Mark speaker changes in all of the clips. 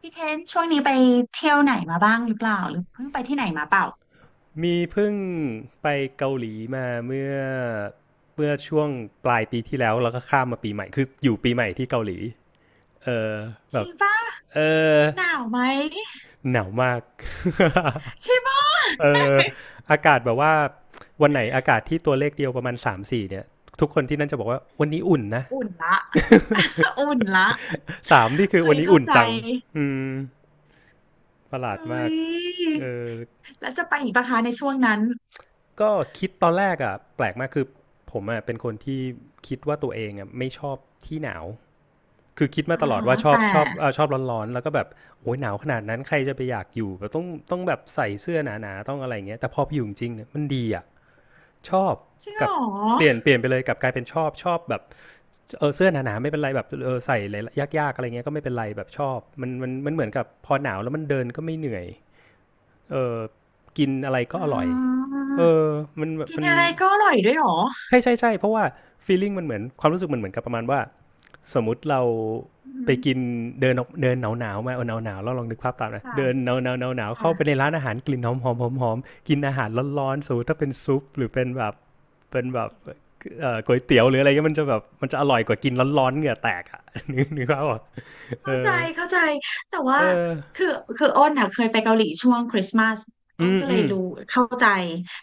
Speaker 1: พี่เคนช่วงนี้ไปเที่ยวไหนมาบ้างหรือเปล่าหรือเพิ่งไปที่ไหนมาเปล่า
Speaker 2: มีเพิ่งไปเกาหลีมาเมื่อช่วงปลายปีที่แล้วแล้วก็ข้ามมาปีใหม่คืออยู่ปีใหม่ที่เกาหลีเออ
Speaker 1: จ
Speaker 2: แบ
Speaker 1: ริ
Speaker 2: บ
Speaker 1: งป่ะ
Speaker 2: เออ
Speaker 1: หนาวไหม
Speaker 2: หนาวมาก
Speaker 1: ใช่ป่ะ
Speaker 2: เอออากาศแบบว่าวันไหนอากาศที่ตัวเลขเดียวประมาณสามถึงสี่เนี่ยทุกคนที่นั่นจะบอกว่าวันนี้อุ่นนะ
Speaker 1: อุ่นละ อุ่นละ
Speaker 2: สามนี่คือ
Speaker 1: เฮ้
Speaker 2: วัน
Speaker 1: ย
Speaker 2: นี้
Speaker 1: เข้า
Speaker 2: อุ่น
Speaker 1: ใจ
Speaker 2: จังอืมประหลา
Speaker 1: เฮ
Speaker 2: ด
Speaker 1: ้
Speaker 2: มาก
Speaker 1: ย
Speaker 2: เออ
Speaker 1: แล้วจะไปอีกปะคะในช่วงนั้น
Speaker 2: ก็คิดตอนแรกอ่ะแปลกมากคือผมอ่ะเป็นคนที่คิดว่าตัวเองอ่ะไม่ชอบที่หนาว คือคิดมา
Speaker 1: อ่า
Speaker 2: ตลอด
Speaker 1: ฮะ
Speaker 2: ว่าชอบ
Speaker 1: แต่
Speaker 2: ชอบเออชอบร้อนๆแล้วก็แบบโอ้ยหนาวขนาดนั้นใครจะไปอยากอยู่แบบต้องแบบใส่เสื้อหนาๆต้องอะไรอย่างเงี้ยแต่พอไปอยู่จริงเนี่ยมันดีอ่ะชอบ
Speaker 1: จริงเหร
Speaker 2: กับเปลี่ยน
Speaker 1: อ
Speaker 2: เปลี่ยนไปเลยกับกลายเป็นชอบชอบแบบเออเสื้อหนาๆไม่เป็นไรแบบเออใส่อะไรยากๆอะไรเงี้ยก็ไม่เป็นไรแบบชอบมันเหมือนกับพอหนาวแล้วมันเดินก็ไม่เหนื่อยเออกินอะไรก็
Speaker 1: อ่
Speaker 2: อร่อย
Speaker 1: า
Speaker 2: เออมัน
Speaker 1: กิน
Speaker 2: มัน
Speaker 1: อะไรก็อร่อยด้วยเหรอ
Speaker 2: ใช่ใช่ใช่เพราะว่า feeling มันเหมือนความรู้สึกมันเหมือนกับประมาณว่าสมมติเรา
Speaker 1: อื
Speaker 2: ไปกิน
Speaker 1: ม
Speaker 2: เดินเดินหนาวหนาวมาเอาหนาวหนาวแล้วลองนึกภาพตามนะ
Speaker 1: ค่ะ
Speaker 2: เดินหนาวหนาวหนาวหนาวเข้าไปใน
Speaker 1: ค่ะ
Speaker 2: ร้านอาหารกลิ่นหอมหอมหอมหอมกินอาหารร้อนๆสมมติถ้าเป็นซุปหรือเป็นแบบเป็นแบบก๋วยเตี๋ยวหรืออะไรเงี้ยมันจะแบบมันจะอร่อยกว่ากินร้อนๆเหงื่อแตกอะ นึกนึกภาพอ่ะเอ
Speaker 1: เข้าใจ
Speaker 2: อ
Speaker 1: เข้าใจแต่ว่า
Speaker 2: เออ
Speaker 1: คือคืออ้นอ่ะเคยไปเกาหลีช่วงคริสต์มาสอ้
Speaker 2: อื
Speaker 1: น
Speaker 2: ม
Speaker 1: ก็เล
Speaker 2: อื
Speaker 1: ย
Speaker 2: ม
Speaker 1: รู้เข้าใจ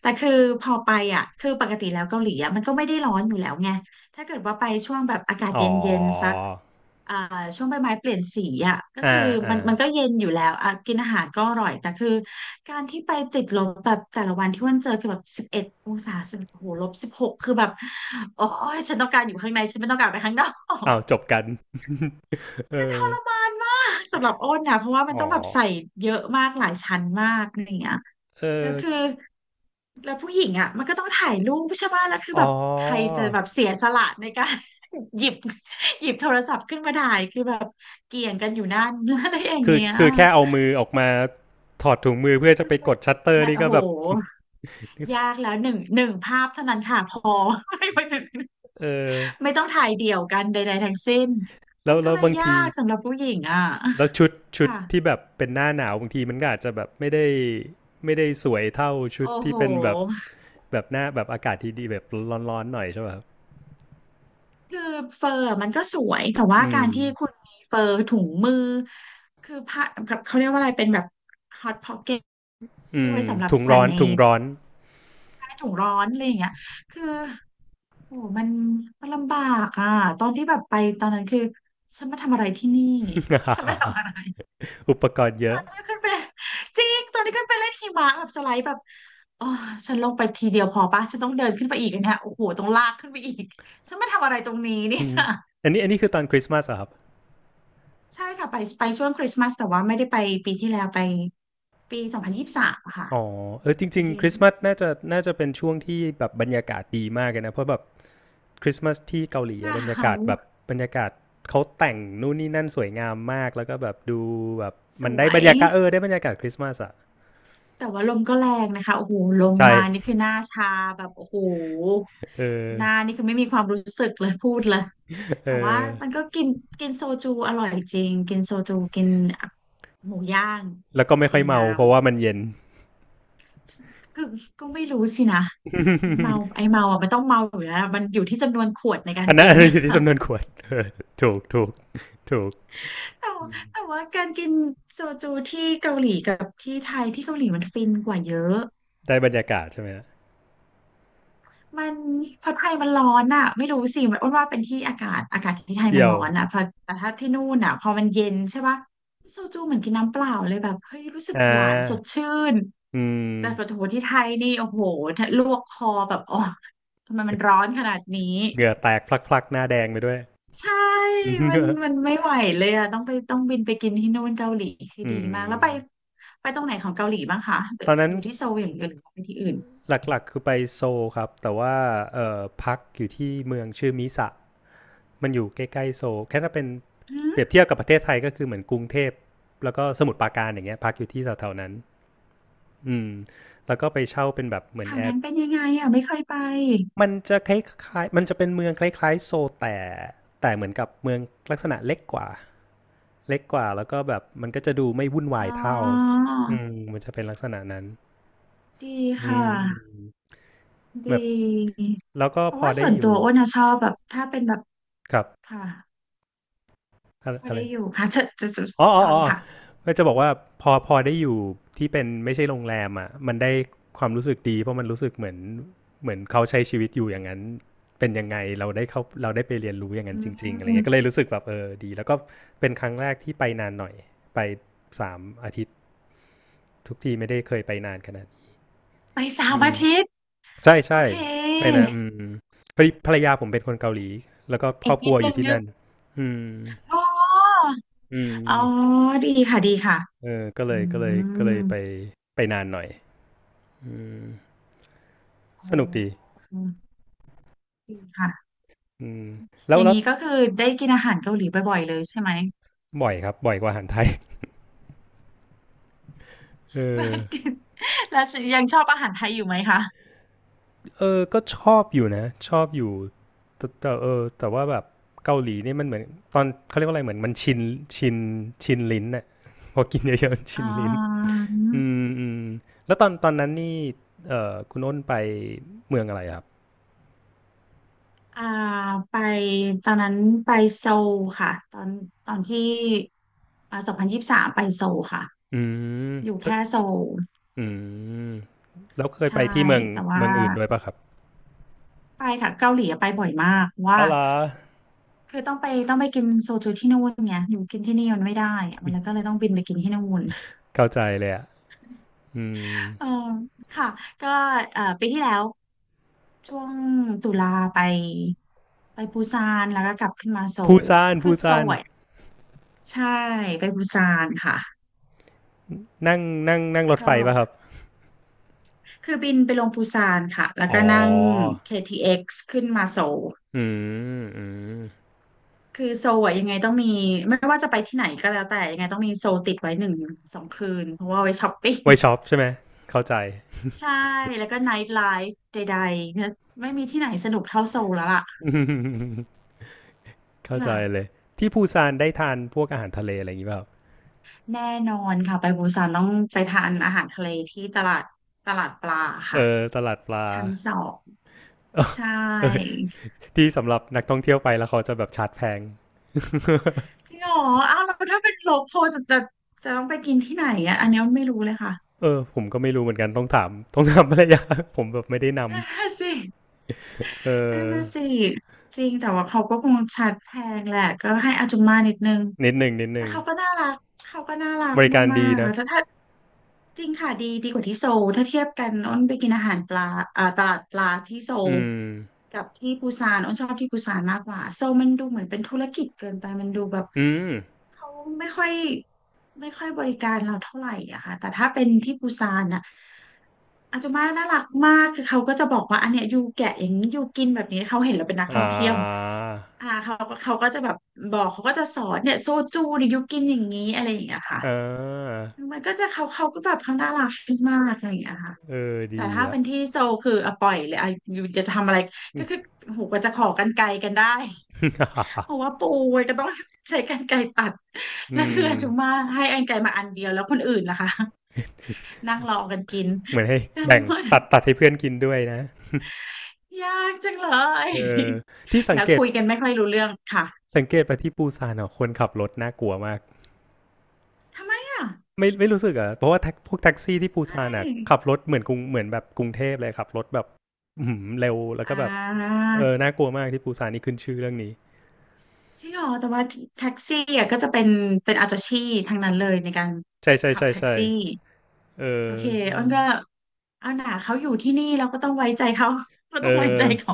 Speaker 1: แต่คือพอไปอ่ะคือปกติแล้วเกาหลีอ่ะมันก็ไม่ได้ร้อนอยู่แล้วไงถ้าเกิดว่าไปช่วงแบบอากาศ
Speaker 2: อ๋
Speaker 1: เ
Speaker 2: อ
Speaker 1: ย็นๆสักอ่าช่วงใบไม้เปลี่ยนสีอ่ะก็
Speaker 2: อ่า
Speaker 1: คือ
Speaker 2: อ่า
Speaker 1: มันก็เย็นอยู่แล้วอ่ะกินอาหารก็อร่อยแต่คือการที่ไปติดลบแบบแต่ละวันที่อ้นเจอคือแบบ11 องศาสิบโอ้โห-16คือแบบโอ้ยฉันต้องการอยู่ข้างในฉันไม่ต้องการไปข้างนอก
Speaker 2: อ้าวจบกัน เออ
Speaker 1: มานมากสำหรับอ้นนะเพราะว่ามัน
Speaker 2: อ๋อ
Speaker 1: ต้องแบบใส่เยอะมากหลายชั้นมากอะไรอย่างเงี้ย
Speaker 2: เอ
Speaker 1: แล้
Speaker 2: อ
Speaker 1: วคือแล้วผู้หญิงอ่ะมันก็ต้องถ่ายรูปใช่ไหมแล้วคือ
Speaker 2: อ๋อ
Speaker 1: แบบใครจะแบบเสียสละในการ หยิบหยิบโทรศัพท์ขึ้นมาถ่ายคือแบบเกี่ยงกันอยู่นั่น อะไรอย่าง
Speaker 2: คือ
Speaker 1: เงี้ย
Speaker 2: คือแค่เอามือออกมาถอดถุงมือเพื่อจะ
Speaker 1: มั
Speaker 2: ไป
Speaker 1: นไป
Speaker 2: กดชัตเตอร์
Speaker 1: มัน
Speaker 2: นี่
Speaker 1: โอ้
Speaker 2: ก็
Speaker 1: โห
Speaker 2: แบบ
Speaker 1: ยากแล้วหนึ่งภาพเท่านั้นค่ะพอ ไม่ไม่
Speaker 2: เออ
Speaker 1: ไม่ต้องถ่ายเดี่ยวกันใดๆทั้งสิ้นมั
Speaker 2: แล้ว
Speaker 1: นก็
Speaker 2: แล้ว
Speaker 1: เลย
Speaker 2: บาง
Speaker 1: ยา
Speaker 2: ที
Speaker 1: กสำหรับผู้หญิงอ่ะ
Speaker 2: แล้วชุดชุด
Speaker 1: ค่ะ
Speaker 2: ที่แบบเป็นหน้าหนาวบางทีมันก็อาจจะแบบไม่ได้ไม่ได้สวยเท่าชุด
Speaker 1: โอ้
Speaker 2: ที่
Speaker 1: โห
Speaker 2: เป็นแบบแบบหน้าแบบอากาศที่ดีแบบร้อนๆหน่อยใช่ป่ะครับ
Speaker 1: คือเฟอร์มันก็สวยแต่ว่า
Speaker 2: อื
Speaker 1: กา
Speaker 2: ม
Speaker 1: รที่คุณมีเฟอร์ถุงมือคือผ้าแบบเขาเรียกว่าอะไรเป็นแบบฮอตพ็อกเก็ต
Speaker 2: อื
Speaker 1: ที่ไว้
Speaker 2: ม
Speaker 1: สำหรับ
Speaker 2: ถุง
Speaker 1: ใส่
Speaker 2: ร้อน
Speaker 1: ใน
Speaker 2: ถุงร้อน
Speaker 1: ใต้ถุงร้อนอะไรอย่างเงี้ยคือโอ้มันลำบากอ่ะตอนที่แบบไปตอนนั้นคือฉันมาทำอะไรที่นี่ฉันมาทำอะไร
Speaker 2: อุปกรณ์เย
Speaker 1: ตอ
Speaker 2: อะ
Speaker 1: นีขึ้นไปจริงตอนนี้ขึ้นไปเล่นหิมะแบบสไลด์แบบอ๋อฉันลงไปทีเดียวพอปะฉันต้องเดินขึ้นไปอีกอันเนี่ยโอ้โหต้องลากขึ้นไปอีกฉันมาทำอะไรตรงนี้ เนี่
Speaker 2: อ
Speaker 1: ย
Speaker 2: อันนี้อันนี้คือตอนคริสต์มาสเหรอครับ
Speaker 1: ใช่ค่ะไปช่วงคริสต์มาสแต่ว่าไม่ได้ไปปีที่แล้วไปปีสองพันยี่สิบสามค่ะ
Speaker 2: อ๋อเออจ
Speaker 1: อ
Speaker 2: ริ
Speaker 1: ยู่
Speaker 2: ง
Speaker 1: เย็
Speaker 2: ๆค
Speaker 1: น
Speaker 2: ริสต์มาสน่าจะน่าจะเป็นช่วงที่แบบบรรยากาศดีมากเลยนะเพราะแบบ คริสต์มาสที่เกาหลี
Speaker 1: ห
Speaker 2: อะ
Speaker 1: นา
Speaker 2: บรรยากาศ
Speaker 1: ว
Speaker 2: แบบบรรยากาศเขาแต่งนู่นนี่นั่นสวยงามมากแล้วก็แบบดูแบบ
Speaker 1: ส
Speaker 2: มัน
Speaker 1: ว
Speaker 2: ได้บร
Speaker 1: ย
Speaker 2: รยากาศเออได้บรรยากาศคริสต์มาสอะ
Speaker 1: แต่ว่าลมก็แรงนะคะโอ้โหลม
Speaker 2: ใช่
Speaker 1: มานี่คือหน้าชาแบบโอ้โห
Speaker 2: เออ
Speaker 1: หน้านี่คือไม่มีความรู้สึกเลยพูดเลย
Speaker 2: เอ
Speaker 1: แต่ว่า
Speaker 2: อ
Speaker 1: มันก็กินกินโซจูอร่อยจริงกินโซจูกินหมูย่าง
Speaker 2: แล้วก็ไม่ค่
Speaker 1: ดี
Speaker 2: อยเมา
Speaker 1: งาม
Speaker 2: เพราะว่ามันเย็น
Speaker 1: คือก็ไม่รู้สินะเมาไอเมาอ่ะมันต้องเมาอยู่แล้วมันอยู่ที่จำนวนขวดในการ
Speaker 2: อันนั้
Speaker 1: กิ
Speaker 2: น
Speaker 1: น
Speaker 2: อัน
Speaker 1: ไง
Speaker 2: นั้นอยู่ที่จำนวนขวด เออถูกถูกถูก
Speaker 1: แต่ว่าแต่ว่าการกินโซจูที่เกาหลีกับที่ไทยที่เกาหลีมันฟินกว่าเยอะ
Speaker 2: ได้บรรยากาศใช่ไหมฮะ
Speaker 1: มันเพราะไทยมันร้อนอ่ะไม่รู้สิมันอ้วนว่าเป็นที่อากาศอากาศที่ไทย
Speaker 2: เกี่
Speaker 1: มัน
Speaker 2: ยว
Speaker 1: ร้อนอ่ะเพอแต่ถ้าที่นู่นอ่ะพอมันเย็นใช่ปะโซจูเหมือนกินน้ำเปล่าเลยแบบเฮ้ยรู้สึก
Speaker 2: อ่
Speaker 1: หวานสด
Speaker 2: า
Speaker 1: ชื่น
Speaker 2: อื
Speaker 1: แต่ปะ
Speaker 2: ม
Speaker 1: โถที่ไทยนี่โอ้โหลวกคอแบบอ๋อทำไมมันร้อนขนาดนี้
Speaker 2: เหงื่อแตกพลักๆหน้าแดงไปด้วย
Speaker 1: ใช่มัน มันไม่ไหวเลยอะต้องไปต้องบินไปกินที่นู่นเกาหลีคือ
Speaker 2: อื
Speaker 1: ดีมาก แล้วไป
Speaker 2: ม
Speaker 1: ไปตรงไหนของเกาหลีบ้างคะหรือ
Speaker 2: ตอนนั้น
Speaker 1: อยู่ที่โซลอย่างเดียวหรือว่าไปที่อื่น
Speaker 2: หลักๆคือไปโซลครับแต่ว่าพักอยู่ที่เมืองชื่อมิสะมันอยู่ใกล้ๆโซลแค่ถ้าเป็น
Speaker 1: หื
Speaker 2: เปรียบ
Speaker 1: ม
Speaker 2: เทียบกับประเทศไทยก็คือเหมือนกรุงเทพแล้วก็สมุทรปราการอย่างเงี้ยพักอยู่ที่แถวๆนั้นอืมแล้วก็ไปเช่าเป็นแบบเหมื
Speaker 1: แถ
Speaker 2: อน
Speaker 1: ว
Speaker 2: แอ
Speaker 1: นั้
Speaker 2: ร์
Speaker 1: นเป็นยังไงอะไม่เคยไป
Speaker 2: มันจะคล้ายๆมันจะเป็นเมืองคล้ายๆโซลแต่แต่เหมือนกับเมืองลักษณะเล็กกว่าเล็กกว่าแล้วก็แบบมันก็จะดูไม่วุ่นวา
Speaker 1: อ๋
Speaker 2: ย
Speaker 1: อ
Speaker 2: เท่าอืมมันจะเป็นลักษณะนั้น
Speaker 1: ดี
Speaker 2: อื
Speaker 1: ค่ะ
Speaker 2: ม
Speaker 1: ด
Speaker 2: แบบ
Speaker 1: ี
Speaker 2: แล้วก็
Speaker 1: เพ
Speaker 2: พ
Speaker 1: ราะ
Speaker 2: อ
Speaker 1: ว่า
Speaker 2: ได้
Speaker 1: ส่วน
Speaker 2: อ
Speaker 1: ตั
Speaker 2: ยู่
Speaker 1: วอ้วนอะชอบแบบถ้าเป็นแบบ
Speaker 2: กับ
Speaker 1: ค่ะ
Speaker 2: อะ
Speaker 1: พอ
Speaker 2: อะไร
Speaker 1: ได้อยู่ค่ะจะ
Speaker 2: อ๋ออ๋อ
Speaker 1: ต่อ
Speaker 2: อ๋
Speaker 1: เล
Speaker 2: อ
Speaker 1: ยค่ะ
Speaker 2: ก็จะบอกว่าพอพอได้อยู่ที่เป็นไม่ใช่โรงแรมอ่ะมันได้ความรู้สึกดีเพราะมันรู้สึกเหมือนเหมือนเขาใช้ชีวิตอยู่อย่างนั้นเป็นยังไงเราได้เขาเราได้ไปเรียนรู้อย่าง
Speaker 1: อื
Speaker 2: นั้นจริงๆอะไรเงี้ยก็เลย
Speaker 1: ม
Speaker 2: รู้สึกแบบเออดีแล้วก็เป็นครั้งแรกที่ไปนานหน่อยไปสามอาทิตย์ทุกทีไม่ได้เคยไปนานขนาดนี้
Speaker 1: ไปเสา
Speaker 2: อื
Speaker 1: ร์
Speaker 2: ม
Speaker 1: อาทิตย์
Speaker 2: ใช่
Speaker 1: โอ
Speaker 2: ใช่
Speaker 1: เค
Speaker 2: ไปนะอืมพอดีภรรยาผมเป็นคนเกาหลีแล้วก็ค
Speaker 1: อี
Speaker 2: รอ
Speaker 1: ก
Speaker 2: บค
Speaker 1: นิ
Speaker 2: รั
Speaker 1: ด
Speaker 2: วอ
Speaker 1: นึ
Speaker 2: ยู่
Speaker 1: ง
Speaker 2: ที่
Speaker 1: นึก
Speaker 2: นั่นอืม
Speaker 1: อ๋อ
Speaker 2: อื
Speaker 1: อ๋อ
Speaker 2: ม
Speaker 1: ดีค่ะดีค่ะ
Speaker 2: เออก็เล
Speaker 1: อื
Speaker 2: ยก็เลยก็เล
Speaker 1: ม
Speaker 2: ยไปไปนานหน่อย อืม
Speaker 1: โอ
Speaker 2: สนุกดี
Speaker 1: ้ดีค่ะ
Speaker 2: อืมแล้
Speaker 1: อ
Speaker 2: ว
Speaker 1: ย่าง
Speaker 2: แล้ว
Speaker 1: นี้ก็คือได้กินอาหารเกาหลีบ่อยๆเลยใช่ไหม
Speaker 2: บ่อยครับบ่อยกว่าอาหารไทย เออ
Speaker 1: แล้วยังชอบอาหารไทยอยู่ไหมคะ
Speaker 2: เออก็ชอบอยู่นะชอบอยู่แต่แต่เออแต่ว่าแบบเกาหลีนี่มันเหมือนตอนเขาเรียกว่าอะไรเหมือนมันชินชินลิ้นน่ะ พอกินเยอะๆมันชิ
Speaker 1: อ่
Speaker 2: นลิ้น
Speaker 1: า
Speaker 2: อืมอืมแล้วตอนตอนนั้นนี่เออคุณอ้นไปเมืองอะไรครับ
Speaker 1: อ่าไปตอนนั้นไปโซลค่ะ ตอนที่อ่าสองพันยี่สิบสามไปโซลค่ะ
Speaker 2: อืม
Speaker 1: อยู่
Speaker 2: ไป
Speaker 1: แค่โซล
Speaker 2: อืมแล้วเคยไป
Speaker 1: ใช่
Speaker 2: ที่เมือง
Speaker 1: แต่ว่า
Speaker 2: เมืองอื่นด้วยปะครับ
Speaker 1: ไปค่ะเกาหลีอะไปบ่อยมากเพราะ
Speaker 2: อ๋
Speaker 1: ว่า
Speaker 2: อเหรอ
Speaker 1: คือต้องไปกินโซจูที่นู่นไงอยู่กินที่นี่มันไม่ได้อะมันเลยก็เลยต้องบินไปกินที่นู่น
Speaker 2: เข้าใจเลยอ่ะอืม
Speaker 1: เออค่ะก็เอ่อปีที่แล้วช่วงตุลาไปไปปูซานแล้วก็กลับขึ้นมาโซ
Speaker 2: ปู
Speaker 1: ล
Speaker 2: ซาน
Speaker 1: คื
Speaker 2: ปู
Speaker 1: อโซ
Speaker 2: ซาน
Speaker 1: ลอะใช่ไปปูซานค่ะ
Speaker 2: นั่งนั่งนั่งร
Speaker 1: ช
Speaker 2: ถ
Speaker 1: อ
Speaker 2: ไฟป่ะครับ
Speaker 1: บคือบินไปลงปูซานค่ะแล้ว
Speaker 2: อ๋อ
Speaker 1: ก็นั่งKTXขึ้นมาโซล
Speaker 2: อืมอืม
Speaker 1: คือโซอะยังไงต้องมีไม่ว่าจะไปที่ไหนก็แล้วแต่ยังไงต้องมีโซลติดไว้1-2 คืนเพราะว่าเอาไว้ช้อปปิ้ง
Speaker 2: ไวช็อปใช่ไหม เข้าใจ
Speaker 1: ใช่แล้วก็ไนท์ไลฟ์ใดๆไม่มีที่ไหนสนุกเท่าโซลแล้วล่ะ ค
Speaker 2: เข้าใจเล
Speaker 1: ่ะ
Speaker 2: ย ที่ปูซานได้ทานพวกอาหารทะเลอะไรอย่างนี้ป่ะปรับ
Speaker 1: แน่นอนค่ะไปปูซานต้องไปทานอาหารทะเลที่ตลาดปลา
Speaker 2: เอ
Speaker 1: ค่ะ
Speaker 2: อ ตลาดปลา
Speaker 1: ชั้น สอง
Speaker 2: เออ
Speaker 1: ใช่
Speaker 2: เออ ที่สำหรับนักท่องเที่ยวไปแล้วเขาจะแบบชาร์จแพง
Speaker 1: จริงเหรออ้าวแล้วถ้าเป็นโลคอลจะต้องไปกินที่ไหนอ่ะอันนี้ไม่รู้เลยค่ะ
Speaker 2: เออ ผมก็ไม่รู้เหมือนกันต้องถาม ต้องถามภรรยา ผมแบบไม่ได้ นำ
Speaker 1: นั่นน่ะสิ
Speaker 2: เอ
Speaker 1: นั่น
Speaker 2: อ
Speaker 1: น่ะสิจริงแต่ว่าเขาก็คงชัดแพงแหละก็ให้อาจุมมานิดนึง
Speaker 2: นิดหนึ่งนิดห
Speaker 1: แต่
Speaker 2: นึ่ง
Speaker 1: เขาก็น่ารักเขาก็น่ารัก
Speaker 2: บริการ
Speaker 1: มา
Speaker 2: ดี
Speaker 1: กๆแล้
Speaker 2: นะ
Speaker 1: วถ้า จริงค่ะดีกว่าที่โซลถ้าเทียบกันอ้นไปกินอาหารปลาตลาดปลาที่โซ
Speaker 2: อื
Speaker 1: ล
Speaker 2: ม
Speaker 1: กับที่ปูซานอ้นชอบที่ปูซานมากกว่าโซลมันดูเหมือนเป็นธุรกิจเกินไปมันดูแบบ
Speaker 2: อืม
Speaker 1: เขาไม่ค่อยไม่ค่อยบริการเราเท่าไหร่อะค่ะแต่ถ้าเป็นที่ปูซานอะอาจจะมาน่ารักมากคือเขาก็จะบอกว่าอันเนี้ยอยู่แกะอย่างนี้อยู่กินแบบนี้เขาเห็นเราเป็นนักท่
Speaker 2: อ่
Speaker 1: องเที่ยว
Speaker 2: า
Speaker 1: อ่าเขาเขาก็จะแบบบอกเขาก็จะสอนเนี่ยโซจูเนี่ยอยู่กินอย่างนี้อะไรอย่างเงี้ยค่ะ
Speaker 2: อ่า
Speaker 1: มันก็จะเขาเขาก็แบบเขาน่ารักมากอะไรอย่างเงี้ยค่ะ
Speaker 2: เออ
Speaker 1: แต่
Speaker 2: ดี
Speaker 1: ถ้า
Speaker 2: อะ
Speaker 1: เป็นที่โซลคืออะปล่อยเลยอะอยู่จะทำอะไรก็คือโอ้โหกว่าจะขอกรรไกรกันได้ เพราะว่าปูมันก็ต้องใช้กรรไกรตัด
Speaker 2: อื
Speaker 1: แล้วคือ
Speaker 2: ม
Speaker 1: อาจุมาให้กรรไกรมาอันเดียวแล้วคนอื่นล่ะคะ นั่งรอกันกิน
Speaker 2: เหมือนให้
Speaker 1: กัง
Speaker 2: แบ่ง
Speaker 1: วล
Speaker 2: ตัดตัดให้เพื่อนกินด้วยนะ
Speaker 1: ยากจังเลย
Speaker 2: เออที่ สัง
Speaker 1: แล้ว
Speaker 2: เกต
Speaker 1: คุยกันไม่ค่อยรู้เรื่องค่ะ
Speaker 2: สังเกตไปที่ปูซานอ่ะคนขับรถน่ากลัวมาก
Speaker 1: เนี่ย
Speaker 2: ไม่ไม่รู้สึกเหรอ่ะเพราะว่าพวกแท็กซี่ที่ปู
Speaker 1: ใช
Speaker 2: ซานอ่ะขับ
Speaker 1: ่
Speaker 2: รถเหมือนกรุงเหมือนแบบกรุงเทพเลยขับรถแบบหืมเร็วแล้ว
Speaker 1: อ่
Speaker 2: ก็แบบเออ
Speaker 1: า
Speaker 2: น่ากลัวมากที่ปูซานนี่ขึ้นชื่อเรื่องนี้
Speaker 1: จริงเหรอแต่ว่าแท็กซี่อ่ะก็จะเป็นเป็นอาจาชีพทางนั้นเลยในการ
Speaker 2: ใช่ใช่
Speaker 1: ขับ
Speaker 2: ใช่
Speaker 1: แท็ก
Speaker 2: ใช่
Speaker 1: ซี่
Speaker 2: เ
Speaker 1: โอเคอ้นก็
Speaker 2: ออ
Speaker 1: เอาหนาเขาอยู่ที่นี่เราก็ต้องไว้ใจเขา เรา
Speaker 2: เอ
Speaker 1: ต้องไว้
Speaker 2: อ
Speaker 1: ใจเขา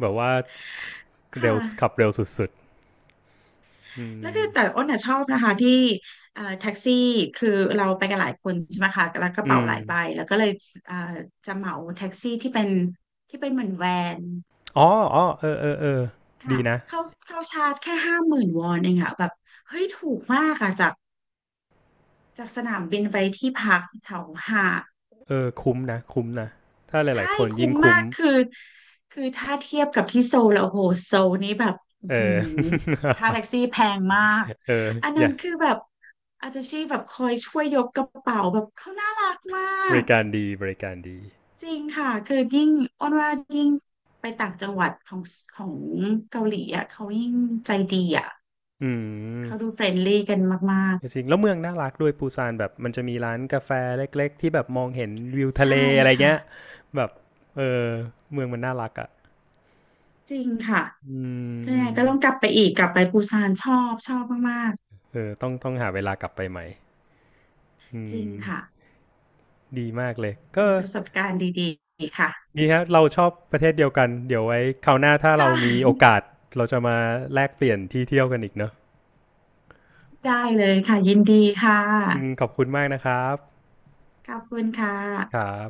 Speaker 2: แบบว่า
Speaker 1: ค่ะ
Speaker 2: เร็วขับเร็วสุดๆอื
Speaker 1: แล้ว
Speaker 2: ม
Speaker 1: คือแต่อ้นน่ะชอบนะคะที่แท็กซี่คือเราไปกันหลายคนใช่ไหมคะแล้วกระ
Speaker 2: อื
Speaker 1: เป๋า
Speaker 2: ม
Speaker 1: หลายใบแล้วก็เลยเอ่อจะเหมาแท็กซี่ที่เป็นที่เป็นเหมือนแวน
Speaker 2: อ๋ออ๋อเออเออเออดี
Speaker 1: ค่ะ
Speaker 2: นะ
Speaker 1: เขาเขาชาร์จแค่50,000 วอนเองอะแบบเฮ้ยถูกมากอะจากสนามบินไปที่พักแถวหาด
Speaker 2: เออคุ้มนะคุ้มนะถ้าหลา
Speaker 1: ใช่
Speaker 2: ยๆคน
Speaker 1: คุ้
Speaker 2: ยิ่ง
Speaker 1: มมา
Speaker 2: คุ้ม
Speaker 1: กคือคือถ้าเทียบกับที่โซลแล้วโอ้โหโซลนี้แบบอื้
Speaker 2: เอ
Speaker 1: อหื
Speaker 2: อ
Speaker 1: อค่าแท็กซี่แพงมาก
Speaker 2: เออ
Speaker 1: อัน
Speaker 2: อ
Speaker 1: นั้
Speaker 2: ย่า
Speaker 1: นคือแบบอาจจะชีแบบคอยช่วยยกกระเป๋าแบบเขาน่ารักมา
Speaker 2: บ
Speaker 1: ก
Speaker 2: ริการดีบริการดี
Speaker 1: จริงค่ะคือยิ่งอ้อนว่ายิ่งไปต่างจังหวัดของเกาหลีอ่ะเขายิ่งใจดีอ่ะ
Speaker 2: อื
Speaker 1: เขาดู
Speaker 2: ม
Speaker 1: เฟรนลี่กันมาก
Speaker 2: จริงๆแล้วเมืองน่ารักด้วยปูซานแบบมันจะมีร้านกาแฟเล็กๆที่แบบมองเห็นวิว
Speaker 1: ๆ
Speaker 2: ทะ
Speaker 1: ใช่
Speaker 2: เลอะไร
Speaker 1: ค่ะ
Speaker 2: เงี้ยแบบเออเมืองมันน่ารักอะ่ะ
Speaker 1: จริงค่ะ
Speaker 2: อื
Speaker 1: แต่ก็ต้องก
Speaker 2: ม
Speaker 1: ลับไปอีกกลับไปปูซานชอบชอบมาก
Speaker 2: เออต้องหาเวลากลับไปใหม่อื
Speaker 1: ๆจริง
Speaker 2: ม
Speaker 1: ค่ะ
Speaker 2: ดีมากเลย
Speaker 1: เป็
Speaker 2: ก็
Speaker 1: นประสบการณ์ดีๆค่ะ
Speaker 2: ดีฮะเราชอบประเทศเดียวกันเดี๋ยวไว้คราวหน้าถ้าเรา
Speaker 1: ค่ะ
Speaker 2: มีโอ กาสเราจะมาแลกเปลี่ยนที่เที่ยวกันอีกเนอะ
Speaker 1: ได้เลยค่ะยินดีค่ะ
Speaker 2: อืมขอบคุณมากนะครับ
Speaker 1: ขอบคุณค่ะ
Speaker 2: ครับ